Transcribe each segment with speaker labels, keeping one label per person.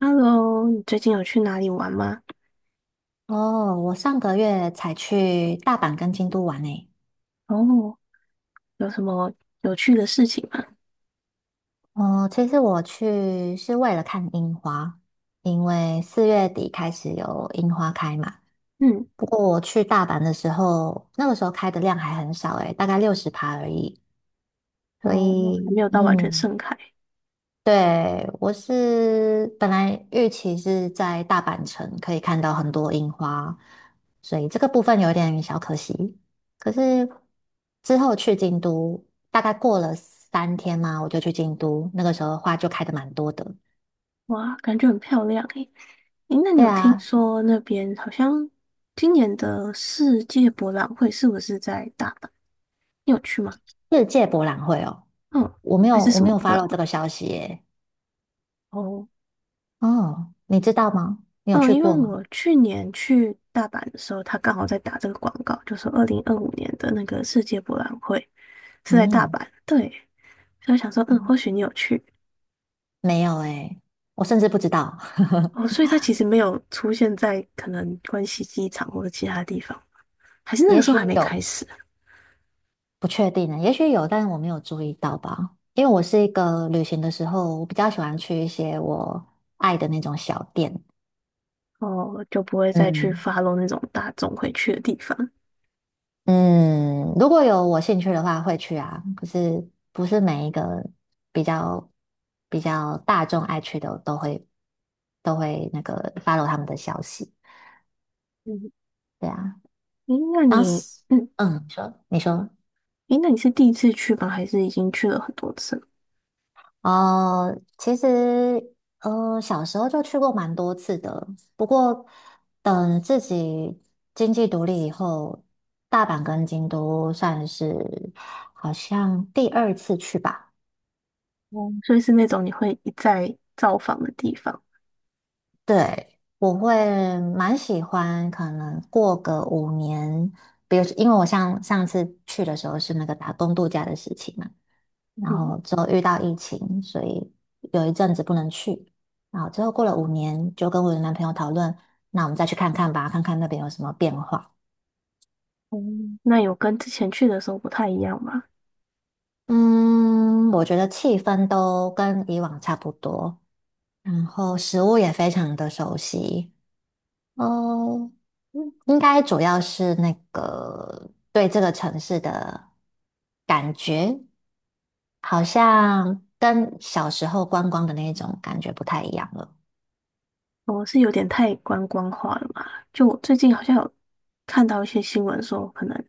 Speaker 1: Hello，你最近有去哪里玩吗？
Speaker 2: 哦，我上个月才去大阪跟京都玩诶。
Speaker 1: 哦，有什么有趣的事情吗？
Speaker 2: 哦，其实我去是为了看樱花，因为四月底开始有樱花开嘛。
Speaker 1: 嗯，
Speaker 2: 不过我去大阪的时候，那个时候开的量还很少诶，大概六十趴而已。所
Speaker 1: 哦，还没
Speaker 2: 以，
Speaker 1: 有到完全盛开。
Speaker 2: 对，我是本来预期是在大阪城可以看到很多樱花，所以这个部分有点小可惜。可是之后去京都，大概过了三天嘛，我就去京都，那个时候花就开的蛮多的。
Speaker 1: 哇，感觉很漂亮诶。诶，那你
Speaker 2: 对
Speaker 1: 有听
Speaker 2: 啊，
Speaker 1: 说那边好像今年的世界博览会是不是在大阪？你有去吗？
Speaker 2: 世界博览会哦，
Speaker 1: 嗯，
Speaker 2: 我没
Speaker 1: 还
Speaker 2: 有
Speaker 1: 是
Speaker 2: 我
Speaker 1: 什
Speaker 2: 没
Speaker 1: 么
Speaker 2: 有
Speaker 1: 博览
Speaker 2: follow 这
Speaker 1: 会？
Speaker 2: 个消息耶。
Speaker 1: 哦，
Speaker 2: 哦，你知道吗？你有
Speaker 1: 嗯，
Speaker 2: 去
Speaker 1: 因
Speaker 2: 过
Speaker 1: 为
Speaker 2: 吗？
Speaker 1: 我去年去大阪的时候，他刚好在打这个广告，就是2025年的那个世界博览会是在大
Speaker 2: 嗯，
Speaker 1: 阪，对，所以我想说，嗯，或许你有去。
Speaker 2: 没有诶，我甚至不知道，
Speaker 1: 哦，所以它其实没有出现在可能关西机场或者其他地方，还是 那
Speaker 2: 也
Speaker 1: 个时候
Speaker 2: 许
Speaker 1: 还没开
Speaker 2: 有。
Speaker 1: 始啊？
Speaker 2: 不确定呢，也许有，但是我没有注意到吧。因为我是一个旅行的时候，我比较喜欢去一些我爱的那种小店。
Speaker 1: 哦，就不会再去
Speaker 2: 嗯
Speaker 1: 发 o 那种大众会去的地方。
Speaker 2: 嗯，如果有我兴趣的话会去啊，可是不是每一个比较比较大众爱去的都会那个 follow 他们的消息。
Speaker 1: 嗯，
Speaker 2: 对啊，
Speaker 1: 诶，那
Speaker 2: 当
Speaker 1: 你，
Speaker 2: 时你说你说。
Speaker 1: 诶，那你是第一次去吗？还是已经去了很多次了？
Speaker 2: 其实小时候就去过蛮多次的，不过等自己经济独立以后，大阪跟京都算是好像第二次去吧。
Speaker 1: 哦，所以是那种你会一再造访的地方。
Speaker 2: 对，我会蛮喜欢，可能过个五年，比如因为我上上次去的时候是那个打工度假的事情嘛。然
Speaker 1: 嗯，
Speaker 2: 后之后遇到疫情，所以有一阵子不能去。然后之后过了五年，就跟我的男朋友讨论，那我们再去看看吧，看看那边有什么变化。
Speaker 1: 哦，那有跟之前去的时候不太一样吗？
Speaker 2: 嗯，我觉得气氛都跟以往差不多，然后食物也非常的熟悉。哦，嗯应该主要是那个对这个城市的感觉，好像跟小时候观光的那种感觉不太一样了。
Speaker 1: 我是有点太观光化了嘛？就我最近好像有看到一些新闻说，可能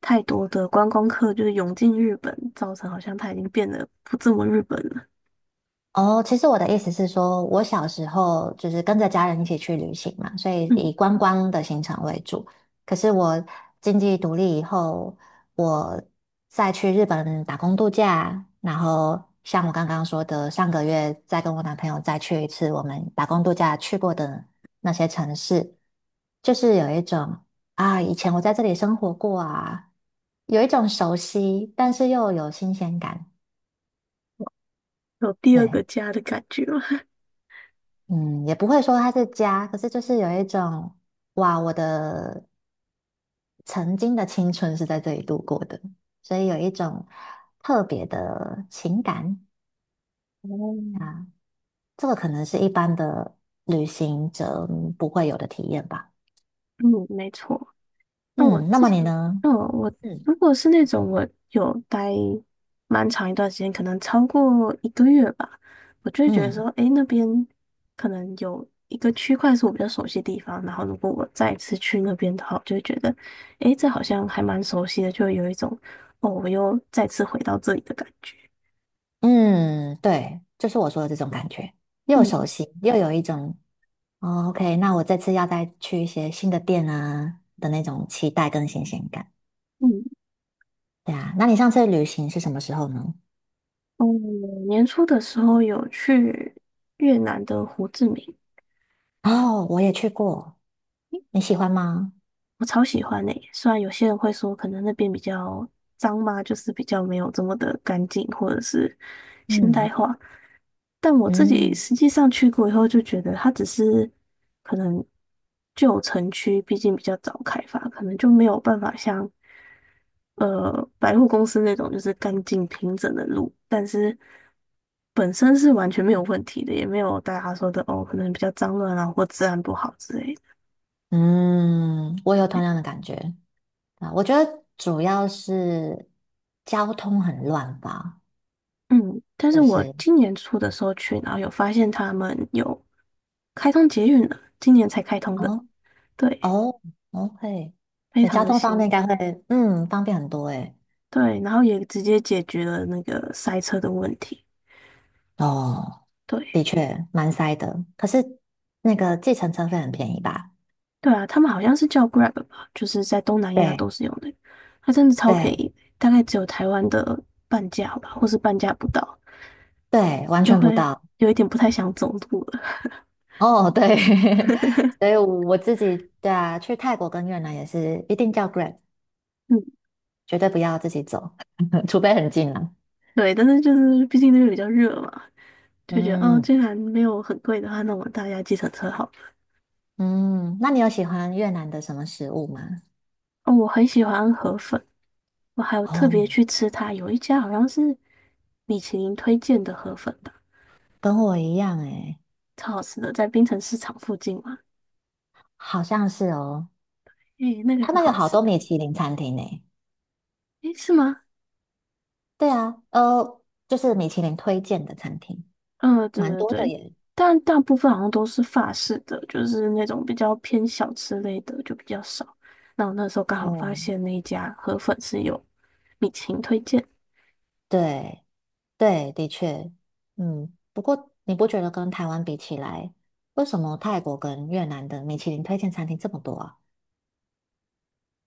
Speaker 1: 太多的观光客就是涌进日本，造成好像他已经变得不这么日本了。
Speaker 2: 哦，其实我的意思是说，我小时候就是跟着家人一起去旅行嘛，所以
Speaker 1: 嗯，
Speaker 2: 以观光的行程为主。可是我经济独立以后，我再去日本打工度假，然后像我刚刚说的，上个月再跟我男朋友再去一次我们打工度假去过的那些城市，就是有一种啊，以前我在这里生活过啊，有一种熟悉，但是又有新鲜感。
Speaker 1: 有第二
Speaker 2: 对。
Speaker 1: 个家的感觉了。
Speaker 2: 嗯，也不会说它是家，可是就是有一种，哇，我的曾经的青春是在这里度过的，所以有一种特别的情感
Speaker 1: 哦，
Speaker 2: 啊，这个可能是一般的旅行者嗯不会有的体验吧。
Speaker 1: 嗯，没错。那我
Speaker 2: 嗯，那
Speaker 1: 之
Speaker 2: 么你
Speaker 1: 前，
Speaker 2: 呢？
Speaker 1: 嗯，我
Speaker 2: 嗯
Speaker 1: 如果是那种我有待蛮长一段时间，可能超过一个月吧，我就会觉得说，
Speaker 2: 嗯
Speaker 1: 诶，那边可能有一个区块是我比较熟悉的地方，然后如果我再一次去那边的话，我就会觉得，诶，这好像还蛮熟悉的，就会有一种，哦，我又再次回到这里的感觉。
Speaker 2: 嗯，对，就是我说的这种感觉，又熟
Speaker 1: 嗯
Speaker 2: 悉又有一种，哦，OK，那我这次要再去一些新的店啊的那种期待跟新鲜感。
Speaker 1: 嗯，
Speaker 2: 对啊，那你上次旅行是什么时候呢？
Speaker 1: 哦，年初的时候有去越南的胡志明。
Speaker 2: 哦，我也去过，你喜欢吗？
Speaker 1: 我超喜欢诶、虽然有些人会说可能那边比较脏嘛，就是比较没有这么的干净或者是现代
Speaker 2: 嗯
Speaker 1: 化，但我自己
Speaker 2: 嗯
Speaker 1: 实际上去过以后就觉得它只是可能旧城区，毕竟比较早开发，可能就没有办法像百货公司那种就是干净平整的路，但是本身是完全没有问题的，也没有大家说的哦，可能比较脏乱啊或治安不好之类的。
Speaker 2: 嗯，我有同样的感觉啊。我觉得主要是交通很乱吧，
Speaker 1: 嗯，但是
Speaker 2: 就
Speaker 1: 我
Speaker 2: 是
Speaker 1: 今年初的时候去，然后有发现他们有开通捷运了，今年才开通的，
Speaker 2: 哦
Speaker 1: 对，
Speaker 2: 哦，OK，
Speaker 1: 非
Speaker 2: 那
Speaker 1: 常
Speaker 2: 交
Speaker 1: 的
Speaker 2: 通方面
Speaker 1: 新，
Speaker 2: 应该会方便很多诶。
Speaker 1: 对，然后也直接解决了那个塞车的问题。
Speaker 2: 哦，
Speaker 1: 对，
Speaker 2: 的确蛮塞的，可是那个计程车费很便宜吧？
Speaker 1: 对啊，他们好像是叫 Grab 吧，就是在东南亚
Speaker 2: 对
Speaker 1: 都是用的。它真的超便
Speaker 2: 对
Speaker 1: 宜，大概只有台湾的半价吧，或是半价不到，
Speaker 2: 对，完
Speaker 1: 就
Speaker 2: 全不
Speaker 1: 会
Speaker 2: 到。
Speaker 1: 有一点不太想走路了。
Speaker 2: 哦，对，所以 我自己对啊，去泰国跟越南也是一定叫 Grab，
Speaker 1: 嗯，
Speaker 2: 绝对不要自己走，除非很近了。
Speaker 1: 对，但是就是毕竟那边比较热嘛，就觉得哦，
Speaker 2: 嗯
Speaker 1: 既然没有很贵的话，那我们大家计程车好了。
Speaker 2: 嗯，那你有喜欢越南的什么食物吗？
Speaker 1: 哦，我很喜欢河粉，我还有特
Speaker 2: 哦，
Speaker 1: 别去吃它，有一家好像是米其林推荐的河粉吧，
Speaker 2: 跟我一样诶，
Speaker 1: 超好吃的，在槟城市场附近嘛。
Speaker 2: 好像是哦，
Speaker 1: 诶，那个
Speaker 2: 他
Speaker 1: 很
Speaker 2: 们有
Speaker 1: 好
Speaker 2: 好
Speaker 1: 吃。
Speaker 2: 多米其林餐厅诶。
Speaker 1: 诶，是吗？
Speaker 2: 对啊，就是米其林推荐的餐厅，
Speaker 1: 嗯，对
Speaker 2: 蛮
Speaker 1: 对
Speaker 2: 多的
Speaker 1: 对，
Speaker 2: 耶。
Speaker 1: 但大部分好像都是法式的，就是那种比较偏小吃类的就比较少。那我那时候刚好发
Speaker 2: 嗯，
Speaker 1: 现那一家河粉是有米其林推荐。
Speaker 2: 对。对，的确，嗯，不过你不觉得跟台湾比起来，为什么泰国跟越南的米其林推荐餐厅这么多啊？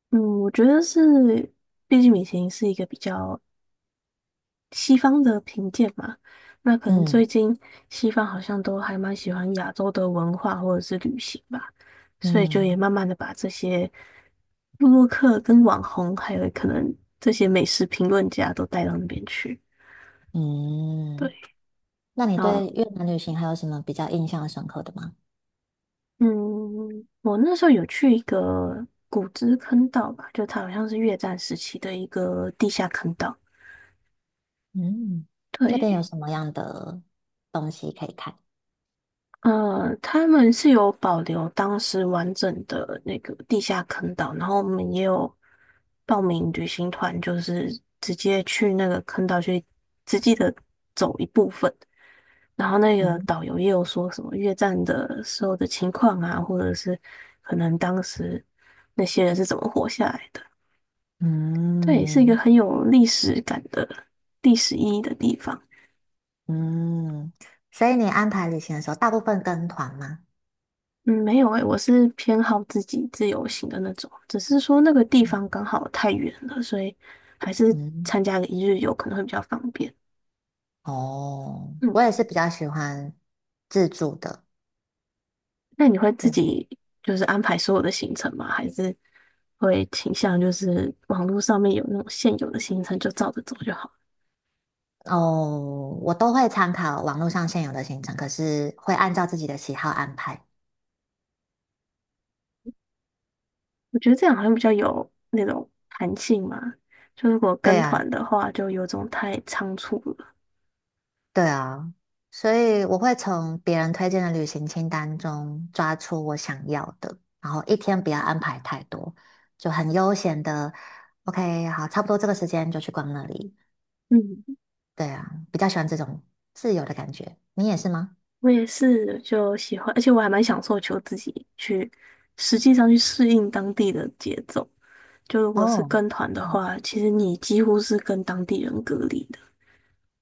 Speaker 1: 嗯，我觉得是，毕竟米其林是一个比较西方的评鉴嘛，那可能
Speaker 2: 嗯
Speaker 1: 最近西方好像都还蛮喜欢亚洲的文化或者是旅行吧，所以就也
Speaker 2: 嗯
Speaker 1: 慢慢的把这些布洛克跟网红，还有可能这些美食评论家都带到那边去。对，
Speaker 2: 嗯，那你对
Speaker 1: 啊，
Speaker 2: 越南旅行还有什么比较印象深刻的吗？
Speaker 1: 嗯，我那时候有去一个古芝坑道吧，就它好像是越战时期的一个地下坑道。
Speaker 2: 嗯，那边有
Speaker 1: 对，
Speaker 2: 什么样的东西可以看？
Speaker 1: 他们是有保留当时完整的那个地下坑道，然后我们也有报名旅行团，就是直接去那个坑道去实际的走一部分，然后那个
Speaker 2: 嗯
Speaker 1: 导游也有说什么越战的时候的情况啊，或者是可能当时那些人是怎么活下来的。对，是一个
Speaker 2: 嗯
Speaker 1: 很有历史感的历史意义的地方。
Speaker 2: 嗯，所以你安排旅行的时候，大部分跟团吗？
Speaker 1: 嗯，没有诶，我是偏好自己自由行的那种，只是说那个地
Speaker 2: 嗯，
Speaker 1: 方刚好太远了，所以还是
Speaker 2: 嗯
Speaker 1: 参加个一日游可能会比较方便。
Speaker 2: 哦，
Speaker 1: 嗯，
Speaker 2: 我也是比较喜欢自助的，
Speaker 1: 那你会自己就是安排所有的行程吗？还是会倾向就是网络上面有那种现有的行程就照着走就好？
Speaker 2: 哦，我都会参考网络上现有的行程，可是会按照自己的喜好安排。
Speaker 1: 我觉得这样好像比较有那种弹性嘛。就如果
Speaker 2: 对
Speaker 1: 跟
Speaker 2: 啊，
Speaker 1: 团的话，就有种太仓促了。
Speaker 2: 对啊，所以我会从别人推荐的旅行清单中抓出我想要的，然后一天不要安排太多，就很悠闲的。OK，好，差不多这个时间就去逛那里。
Speaker 1: 嗯，
Speaker 2: 对啊，比较喜欢这种自由的感觉。你也是吗？
Speaker 1: 我也是，就喜欢，而且我还蛮享受求自己去实际上去适应当地的节奏。就如果是
Speaker 2: 哦，
Speaker 1: 跟团的话，其实你几乎是跟当地人隔离的。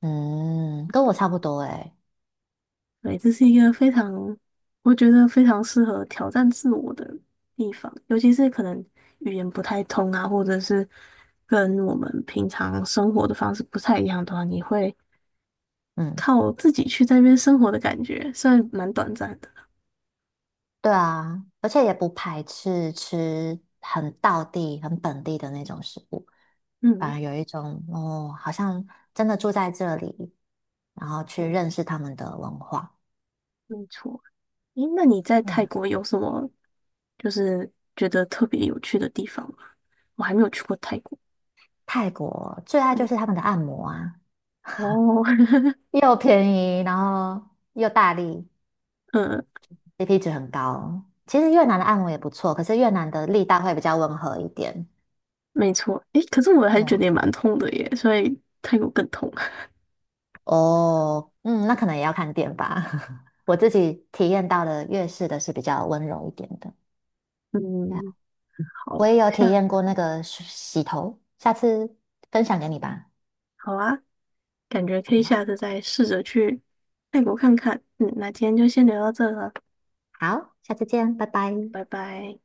Speaker 2: 嗯，跟我差不多诶。
Speaker 1: 对，这是一个非常，我觉得非常适合挑战自我的地方，尤其是可能语言不太通啊，或者是跟我们平常生活的方式不太一样的话，你会
Speaker 2: 嗯。
Speaker 1: 靠自己去在那边生活的感觉，虽然蛮短暂的。
Speaker 2: 对啊，而且也不排斥吃很道地、很本地的那种食物，反
Speaker 1: 嗯，
Speaker 2: 而有一种哦，好像真的住在这里，然后去认识他们的文化。
Speaker 1: 没错。诶，那你在
Speaker 2: 对
Speaker 1: 泰
Speaker 2: 啊，
Speaker 1: 国有什么就是觉得特别有趣的地方吗？我还没有去过泰国。
Speaker 2: 泰国最爱就
Speaker 1: 对，
Speaker 2: 是他们的按摩啊，
Speaker 1: 哦，
Speaker 2: 又便宜，然后又大力
Speaker 1: 嗯，
Speaker 2: ，CP 值很高。其实越南的按摩也不错，可是越南的力道会比较温和一点。
Speaker 1: 没错。诶，可是我还
Speaker 2: 对
Speaker 1: 是觉
Speaker 2: 啊
Speaker 1: 得也蛮痛的耶，所以泰国更痛。
Speaker 2: 哦，嗯，那可能也要看店吧。我自己体验到的粤式的是比较温柔一点的，对啊，
Speaker 1: 嗯，好，
Speaker 2: 我也
Speaker 1: 我
Speaker 2: 有体
Speaker 1: 下，
Speaker 2: 验过那个洗洗头，下次分享给你吧。
Speaker 1: 好啊，感觉可以
Speaker 2: 好，
Speaker 1: 下次再试着去泰国看看。嗯，那今天就先聊到这了，
Speaker 2: 好，下次见，拜拜。
Speaker 1: 拜拜。